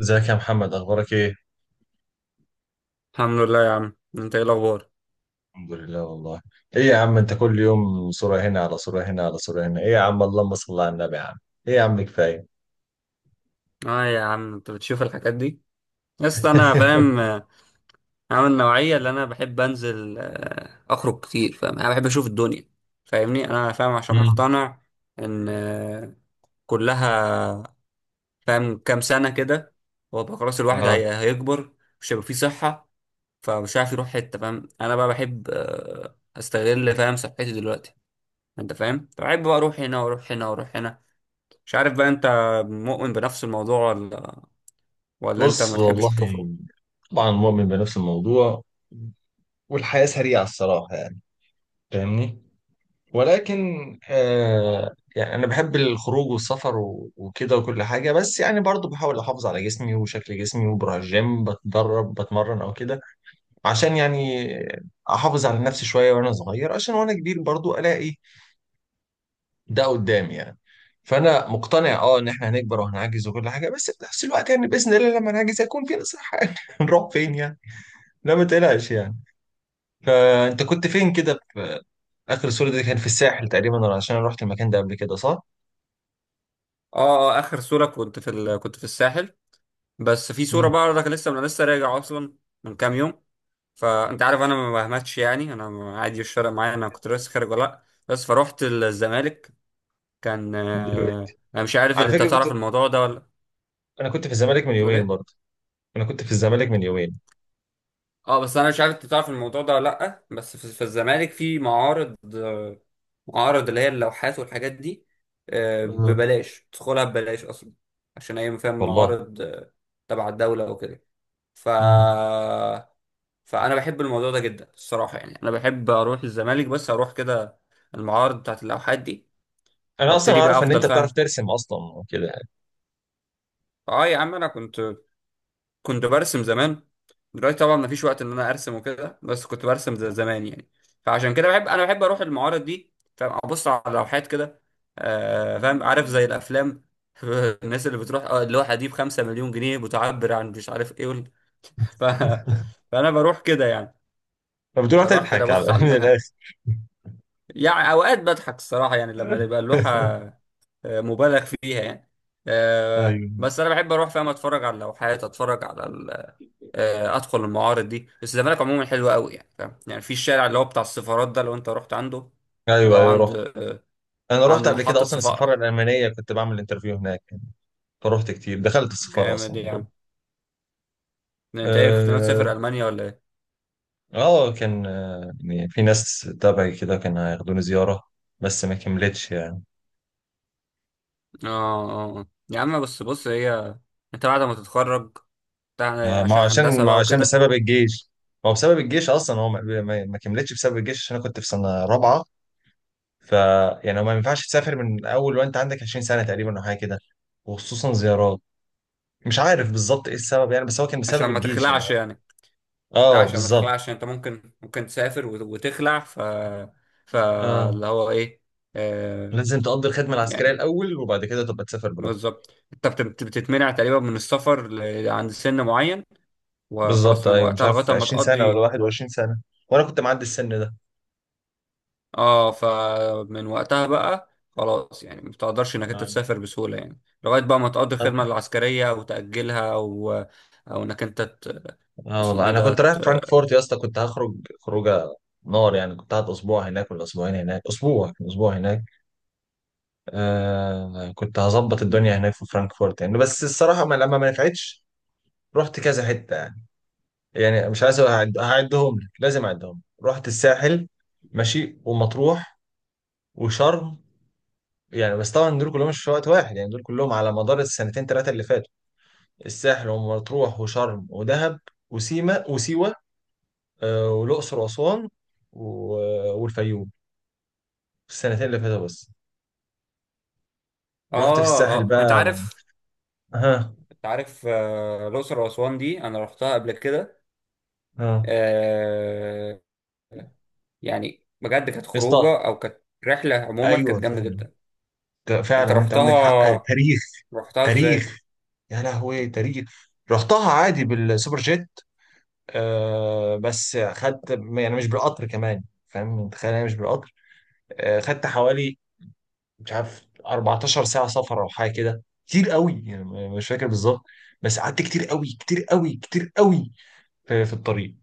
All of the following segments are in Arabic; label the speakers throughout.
Speaker 1: ازيك يا محمد، اخبارك ايه؟
Speaker 2: الحمد لله يا عم، انت ايه الاخبار؟
Speaker 1: الحمد لله والله. ايه يا عم، انت كل يوم صورة هنا على صورة هنا على صورة هنا، ايه يا عم، اللهم صل على النبي يا عم. ايه يا عم كفاية.
Speaker 2: اه يا عم، انت بتشوف الحاجات دي؟ بس انا فاهم، عامل نوعيه اللي انا بحب انزل، اخرج كتير. فاهم، انا بحب اشوف الدنيا. فاهمني؟ انا فاهم عشان
Speaker 1: مم.
Speaker 2: مقتنع ان كلها. فاهم؟ كام سنه كده وابقى خلاص الواحد
Speaker 1: اه،
Speaker 2: هيكبر. مش هيبقى فيه صحه. فمش عارف يروح حته. فاهم، انا بقى بحب استغل، فاهم، صحتي دلوقتي. انت فاهم؟ فبحب بقى اروح هنا واروح هنا واروح هنا. مش عارف بقى، انت مؤمن بنفس الموضوع ولا؟ ولا انت
Speaker 1: بص
Speaker 2: ما
Speaker 1: والله،
Speaker 2: تحبش تخرج؟
Speaker 1: طبعا مؤمن بنفس الموضوع. والحياة سريعة الصراحة يعني، فاهمني، ولكن يعني أنا بحب الخروج والسفر وكده وكل حاجة، بس يعني برضو بحاول أحافظ على جسمي وشكل جسمي، وبروح الجيم بتدرب بتمرن أو كده، عشان يعني احافظ على نفسي شويه وانا صغير، عشان وانا كبير برضو الاقي ده قدامي يعني. فانا مقتنع اه ان احنا هنكبر وهنعجز وكل حاجه، بس في نفس الوقت يعني باذن الله لما نعجز هيكون في نصيحه يعني هنروح فين يعني، لا ما تقلقش يعني. فانت كنت فين كده، في اخر الصوره دي كان في الساحل تقريبا؟ ولا عشان انا رحت المكان ده قبل كده، صح؟
Speaker 2: اه، اه، اخر صورة كنت في الساحل. بس في صورة
Speaker 1: امم.
Speaker 2: بقى انا لسه راجع اصلا من كام يوم. فانت عارف، انا ما بهمتش يعني، انا عادي مش فارق معايا انا كنت لسه خارج ولا لا، بس فروحت الزمالك. كان،
Speaker 1: دلوقتي،
Speaker 2: انا مش عارف
Speaker 1: على
Speaker 2: انت
Speaker 1: فكره كنت،
Speaker 2: تعرف الموضوع ده ولا؟
Speaker 1: انا كنت في الزمالك من
Speaker 2: بتقول
Speaker 1: يومين
Speaker 2: ايه؟
Speaker 1: برضه، انا كنت في الزمالك من يومين.
Speaker 2: اه، بس انا مش عارف انت تعرف الموضوع ده ولا لا. بس في الزمالك في معارض، معارض اللي هي اللوحات والحاجات دي.
Speaker 1: آه.
Speaker 2: ببلاش تدخلها، ببلاش اصلا. عشان هي فاهم
Speaker 1: والله.
Speaker 2: معارض، تبع الدولة وكده. ف
Speaker 1: امم.
Speaker 2: فانا بحب الموضوع ده جدا الصراحة يعني، انا بحب اروح الزمالك بس اروح كده. المعارض بتاعت اللوحات دي.
Speaker 1: انا اصلا
Speaker 2: وابتدي بقى
Speaker 1: اعرف ان
Speaker 2: افضل،
Speaker 1: انت بتعرف
Speaker 2: فاهم؟
Speaker 1: ترسم اصلا وكده يعني.
Speaker 2: اه يا عم، انا كنت برسم زمان. دلوقتي طبعا مفيش وقت ان انا ارسم وكده، بس كنت برسم زي زمان يعني. فعشان كده انا بحب اروح المعارض دي، فاهم؟ ابص على لوحات كده. فاهم، عارف؟ زي الافلام. الناس اللي بتروح، اللوحه دي ب5 مليون جنيه بتعبر عن مش عارف ايه، ف... فانا بروح كده يعني.
Speaker 1: فبتروح
Speaker 2: بروح كده
Speaker 1: تضحك على
Speaker 2: ابص على
Speaker 1: من
Speaker 2: اللوحه.
Speaker 1: الاخر.
Speaker 2: يعني اوقات بضحك الصراحه يعني لما تبقى اللوحه مبالغ فيها يعني.
Speaker 1: ايوه،
Speaker 2: بس انا بحب اروح، فاهم؟ اتفرج على اللوحات، اتفرج على ادخل المعارض دي. بس الزمالك عموما حلوه قوي، يعني فاهم؟ يعني في الشارع اللي هو بتاع السفارات ده لو انت رحت عنده.
Speaker 1: ايوه،
Speaker 2: لو
Speaker 1: ايوه
Speaker 2: عند
Speaker 1: رحت.
Speaker 2: آه،
Speaker 1: انا
Speaker 2: عند
Speaker 1: رحت قبل كده
Speaker 2: محطه
Speaker 1: اصلا السفاره
Speaker 2: صفاء.
Speaker 1: الالمانيه، كنت بعمل انترفيو هناك، فرحت كتير، دخلت السفاره
Speaker 2: جامد
Speaker 1: اصلا
Speaker 2: يا
Speaker 1: جوه.
Speaker 2: عم! ده انت ايه، كنت ناوي
Speaker 1: اه.
Speaker 2: تسافر المانيا ولا ايه؟
Speaker 1: كان يعني في ناس تبعي كده كان هياخدوني زياره، بس ما كملتش يعني.
Speaker 2: اه، اه، آه. يا عم بس بص، هي انت بعد ما تتخرج بتاع يعني
Speaker 1: آه ما
Speaker 2: عشان
Speaker 1: هو عشان،
Speaker 2: هندسه
Speaker 1: ما هو
Speaker 2: بقى
Speaker 1: عشان
Speaker 2: وكده.
Speaker 1: بسبب الجيش، ما هو بسبب الجيش اصلا، هو ما كملتش بسبب الجيش عشان انا كنت في سنه رابعه. ف يعني ما ينفعش تسافر من اول وانت عندك 20 سنه تقريبا او حاجه كده، وخصوصا زيارات. مش عارف بالظبط ايه السبب يعني، بس هو كان
Speaker 2: عشان
Speaker 1: بسبب
Speaker 2: ما
Speaker 1: الجيش يعني.
Speaker 2: تخلعش يعني؟ لا،
Speaker 1: اه
Speaker 2: عشان ما
Speaker 1: بالظبط.
Speaker 2: تخلعش يعني. انت ممكن تسافر وتخلع.
Speaker 1: اه
Speaker 2: فاللي هو ايه، آه،
Speaker 1: لازم تقضي الخدمة العسكرية
Speaker 2: يعني
Speaker 1: الأول، وبعد كده تبقى تسافر براحتك.
Speaker 2: بالظبط انت بتتمنع تقريبا من السفر عند سن معين. وخلاص
Speaker 1: بالظبط
Speaker 2: من
Speaker 1: أيوة، مش
Speaker 2: وقتها
Speaker 1: عارف
Speaker 2: لغايه ما
Speaker 1: 20 سنة ولا
Speaker 2: تقضي.
Speaker 1: 21 سنة، وأنا كنت معدي السن ده.
Speaker 2: اه، فمن وقتها بقى خلاص يعني ما بتقدرش انك انت
Speaker 1: اه.
Speaker 2: تسافر بسهوله يعني. لغايه بقى ما تقضي الخدمه العسكريه او تاجلها، او او انك انت ت...
Speaker 1: آه
Speaker 2: اسمه
Speaker 1: والله،
Speaker 2: ايه
Speaker 1: أنا
Speaker 2: ده
Speaker 1: كنت رايح فرانكفورت يا اسطى، كنت هخرج خروجة نار يعني، كنت قاعد أسبوع هناك ولا أسبوعين هناك، أسبوع، كان أسبوع هناك. كنت هظبط الدنيا هناك في فرانكفورت يعني، بس الصراحة ما لما ما نفعتش. رحت كذا حتة يعني. يعني مش عايز هعدهم لك، لازم اعدهم لك، رحت الساحل ماشي، ومطروح، وشرم، يعني بس طبعا دول كلهم مش في وقت واحد يعني، دول كلهم على مدار السنتين ثلاثه اللي فاتوا، الساحل ومطروح وشرم ودهب وسيما وسيوه، والاقصر واسوان والفيوم، السنتين اللي فاتوا بس. رحت في
Speaker 2: اه،
Speaker 1: الساحل
Speaker 2: اه، انت
Speaker 1: بقى.
Speaker 2: عارف؟
Speaker 1: ها.
Speaker 2: انت عارف، الاقصر واسوان دي انا رحتها قبل كده.
Speaker 1: ها.
Speaker 2: آه... يعني بجد كانت
Speaker 1: اسطى.
Speaker 2: خروجه، او كانت رحله عموما
Speaker 1: ايوه
Speaker 2: كانت جامده
Speaker 1: فعلا،
Speaker 2: جدا. انت
Speaker 1: فعلا انت عندك حق.
Speaker 2: رحتها؟
Speaker 1: تاريخ.
Speaker 2: رحتها ازاي؟
Speaker 1: تاريخ. يا لهوي تاريخ. رحتها عادي بالسوبر جيت، آه بس خدت، يعني مش بالقطر كمان، فاهم انت، تخيل انا مش بالقطر، آه خدت حوالي، مش عارف، 14 ساعة سفر او حاجة كده، كتير قوي يعني، مش فاكر بالظبط، بس قعدت كتير قوي كتير قوي كتير قوي في الطريق،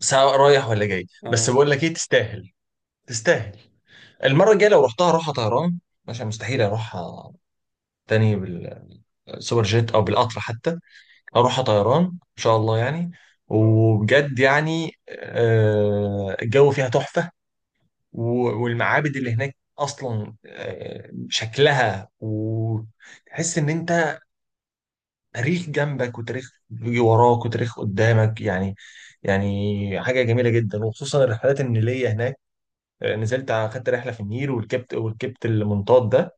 Speaker 1: سواء رايح ولا جاي، بس
Speaker 2: اه،
Speaker 1: بقول لك ايه، تستاهل. تستاهل. المرة الجاية لو رحتها روحها طيران، عشان مستحيل اروحها تاني بالسوبر جيت او بالقطر حتى، اروحها طيران ان شاء الله يعني. وبجد يعني آه الجو فيها تحفة، والمعابد اللي هناك اصلا، شكلها، وتحس ان انت تاريخ جنبك، وتاريخ بيجي وراك، وتاريخ قدامك يعني، يعني حاجه جميله جدا، وخصوصا الرحلات النيليه هناك. نزلت اخدت رحله في النيل، وركبت وركبت المنطاد ده،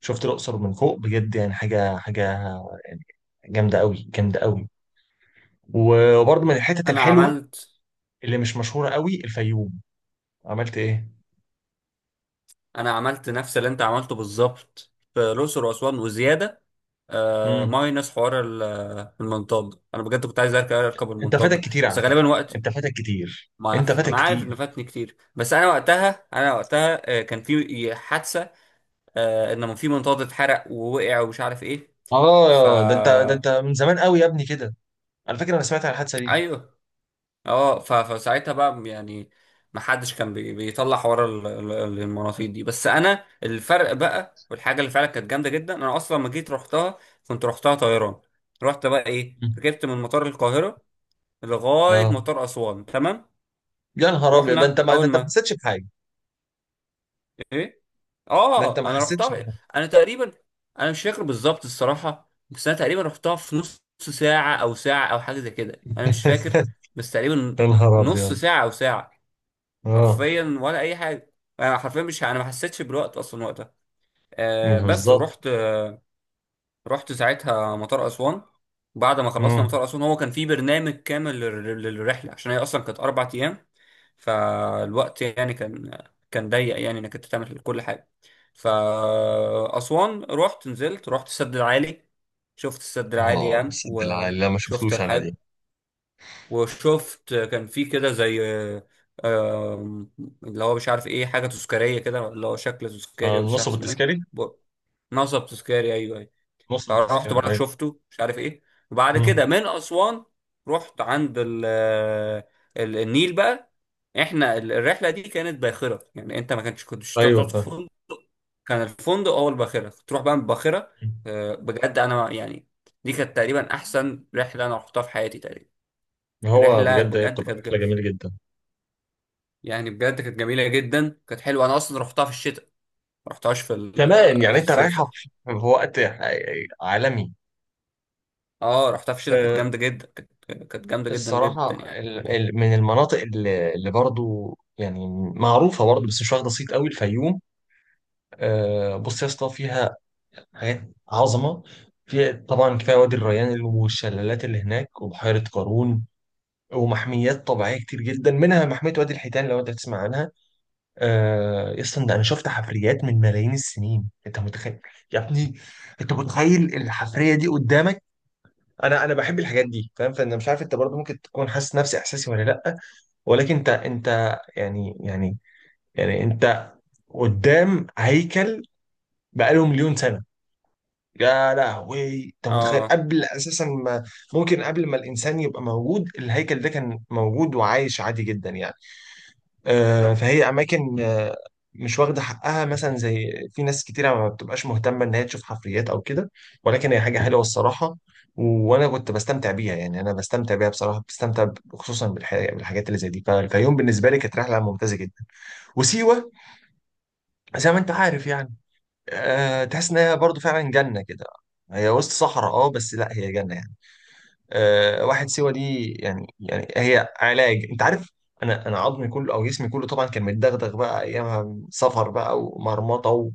Speaker 1: شفت الاقصر من فوق، بجد يعني حاجه، حاجه يعني جامده قوي، جامده قوي. وبرضه من الحتت
Speaker 2: انا
Speaker 1: الحلوه
Speaker 2: عملت
Speaker 1: اللي مش مشهوره قوي الفيوم. عملت.
Speaker 2: انا عملت نفس اللي انت عملته بالظبط في الاقصر واسوان وزياده.
Speaker 1: ايه؟
Speaker 2: ماينس حوار المنطاد ده. انا بجد كنت عايز اركب
Speaker 1: انت
Speaker 2: المنطاد
Speaker 1: فاتك
Speaker 2: ده،
Speaker 1: كتير
Speaker 2: بس
Speaker 1: على فكرة،
Speaker 2: غالبا وقت.
Speaker 1: انت فاتك كتير،
Speaker 2: ما
Speaker 1: انت
Speaker 2: عارف
Speaker 1: فاتك
Speaker 2: انا عارف ان
Speaker 1: كتير.
Speaker 2: فاتني كتير. بس انا وقتها كان في حادثه. ان في منطاد اتحرق ووقع ومش عارف ايه. ف
Speaker 1: اه ده انت، ده انت من زمان قوي يا ابني كده. على فكرة انا سمعت عن الحادثة دي.
Speaker 2: ايوه. اه، فساعتها بقى يعني ما حدش كان بيطلع حوار المناطيد دي. بس انا الفرق بقى والحاجه اللي فعلا كانت جامده جدا انا اصلا لما جيت رحتها، كنت رحتها طيران. رحت بقى ايه،
Speaker 1: مم.
Speaker 2: ركبت من مطار القاهره لغايه
Speaker 1: اه.
Speaker 2: مطار اسوان، تمام.
Speaker 1: يا نهار ابيض، ده
Speaker 2: رحنا
Speaker 1: انت ما ده
Speaker 2: اول
Speaker 1: انت ما
Speaker 2: ما
Speaker 1: حسيتش بحاجة،
Speaker 2: ايه؟
Speaker 1: ده انت
Speaker 2: اه،
Speaker 1: ما
Speaker 2: انا
Speaker 1: حسيتش
Speaker 2: رحتها،
Speaker 1: بحاجة.
Speaker 2: انا تقريبا انا مش فاكر بالظبط الصراحه. بس انا تقريبا رحتها في نص ساعه او ساعه او حاجه زي كده، انا مش فاكر. بس تقريبا
Speaker 1: يا نهار
Speaker 2: نص
Speaker 1: ابيض.
Speaker 2: ساعه او ساعه
Speaker 1: اه.
Speaker 2: حرفيا ولا اي حاجه. انا حرفيا مش انا ما حسيتش بالوقت اصلا وقتها.
Speaker 1: مم،
Speaker 2: بس
Speaker 1: بالظبط.
Speaker 2: ورحت. رحت ساعتها مطار اسوان. بعد ما خلصنا
Speaker 1: مم.
Speaker 2: مطار اسوان، هو كان في برنامج كامل للرحله، عشان هي اصلا كانت 4 ايام. فالوقت يعني كان ضيق يعني انك انت تعمل كل حاجه. فاسوان، رحت نزلت رحت السد العالي. شفت السد العالي
Speaker 1: اه،
Speaker 2: يعني،
Speaker 1: سد العالي لا ما
Speaker 2: وشفت
Speaker 1: شفتوش انا
Speaker 2: الحاج،
Speaker 1: دي.
Speaker 2: وشفت كان في كده زي، آم، اللي هو مش عارف ايه، حاجة تذكارية كده، اللي هو شكل تذكاري
Speaker 1: آه،
Speaker 2: ولا مش عارف
Speaker 1: نصب
Speaker 2: اسمه ايه.
Speaker 1: التذكاري.
Speaker 2: ب- نصب تذكاري، ايوه، ايوه.
Speaker 1: نصب
Speaker 2: فرحت
Speaker 1: التذكاري،
Speaker 2: برضك
Speaker 1: ايوه.
Speaker 2: شفته مش عارف ايه. وبعد كده
Speaker 1: مم.
Speaker 2: من اسوان رحت عند النيل بقى. احنا الرحله دي كانت باخره، يعني انت ما كنتش تروح
Speaker 1: ايوه
Speaker 2: تقعد في
Speaker 1: فاهم.
Speaker 2: فندق. كان الفندق هو الباخره، كنت تروح بقى من الباخره.
Speaker 1: مم.
Speaker 2: بجد انا يعني، دي كانت تقريبا احسن رحله انا رحتها في حياتي تقريبا.
Speaker 1: هو
Speaker 2: رحله
Speaker 1: بجد هي
Speaker 2: بجد
Speaker 1: بتبقى
Speaker 2: كانت،
Speaker 1: رحله جميله جدا،
Speaker 2: يعني بجد كانت جميله جدا، كانت حلوه. انا اصلا رحتها في الشتاء، ما رحتهاش في
Speaker 1: كمان يعني
Speaker 2: في
Speaker 1: انت
Speaker 2: الصيف
Speaker 1: رايحه
Speaker 2: رحت.
Speaker 1: في وقت عالمي.
Speaker 2: اه، رحتها في الشتاء كانت
Speaker 1: آه،
Speaker 2: جامده جدا. كانت جامده جدا جدا
Speaker 1: الصراحة،
Speaker 2: يعني.
Speaker 1: من المناطق اللي برضو يعني معروفة برضو، بس مش واخدة صيت قوي الفيوم. آه، بص يا اسطى فيها حاجات عظمة. فيها طبعا كفاية وادي الريان، والشلالات اللي هناك، وبحيرة قارون، ومحميات طبيعية كتير جدا، منها محمية وادي الحيتان لو انت تسمع عنها. آه، يا اسطى، ده انا شفت حفريات من ملايين السنين، انت متخيل يا ابني؟ انت متخيل الحفرية دي قدامك؟ انا بحب الحاجات دي، فاهم، فانا مش عارف انت برضو ممكن تكون حاسس نفس احساسي ولا لا، ولكن انت يعني، يعني انت قدام هيكل بقاله مليون سنه. يا لهوي، انت متخيل
Speaker 2: اه،
Speaker 1: قبل اساسا ما، ممكن قبل ما الانسان يبقى موجود الهيكل ده كان موجود وعايش عادي جدا يعني. آه فهي اماكن مش واخده حقها، مثلا زي في ناس كتيره ما بتبقاش مهتمه ان هي تشوف حفريات او كده، ولكن هي حاجه حلوه الصراحه، وانا كنت بستمتع بيها يعني، انا بستمتع بيها بصراحه، بستمتع خصوصا بالحاجات اللي زي دي. فالفيوم بالنسبه لي كانت رحله ممتازه جدا، وسيوة زي ما انت عارف يعني. أه تحس ان هي برضه فعلا جنة كده، هي وسط صحراء، اه بس لا هي جنة يعني. أه واحد، سيوة دي يعني، يعني هي علاج، انت عارف، انا عظمي كله او جسمي كله طبعا كان متدغدغ بقى ايامها، سفر بقى، ومرمطة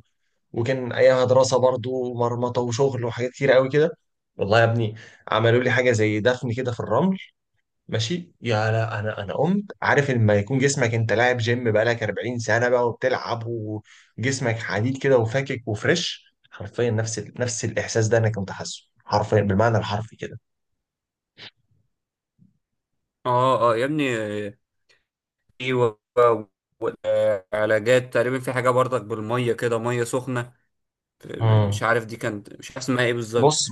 Speaker 1: وكان ايامها دراسة برضه، ومرمطة وشغل وحاجات كتير قوي كده. والله يا ابني عملوا لي حاجة زي دفن كده في الرمل، ماشي. يا لا، انا قمت، عارف لما يكون جسمك، انت لاعب جيم بقالك 40 سنه بقى وبتلعب وجسمك حديد كده وفاكك وفريش، حرفيا نفس نفس الاحساس ده انا كنت حاسه، حرفيا بالمعنى الحرفي كده.
Speaker 2: اه، اه يا ابني. ايوه، والعلاجات تقريبا في حاجه برضك بالميه كده، ميه سخنه. مش
Speaker 1: امم.
Speaker 2: عارف دي كانت، مش عارف اسمها ايه بالظبط.
Speaker 1: بص،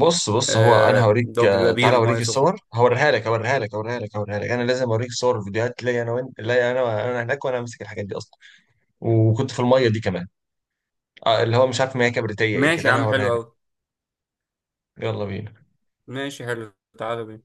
Speaker 1: بص بص، هو انا هوريك،
Speaker 2: ده بيبقى
Speaker 1: آه، تعالى
Speaker 2: بير
Speaker 1: اوريك
Speaker 2: ميه سخنه.
Speaker 1: الصور، هوريها لك هوريها لك هوريها لك هوريها لك، انا لازم اوريك صور فيديوهات ليا انا وانت، ليا انا، انا هناك وانا ماسك الحاجات دي اصلا، وكنت في الميه دي كمان، آه، اللي هو مش عارف ما هي كبريتيه ايه
Speaker 2: ماشي
Speaker 1: كده،
Speaker 2: يا
Speaker 1: انا
Speaker 2: عم،
Speaker 1: هوريها
Speaker 2: حلو
Speaker 1: لك.
Speaker 2: قوي.
Speaker 1: يلا بينا.
Speaker 2: ماشي حلو. تعالى بينا.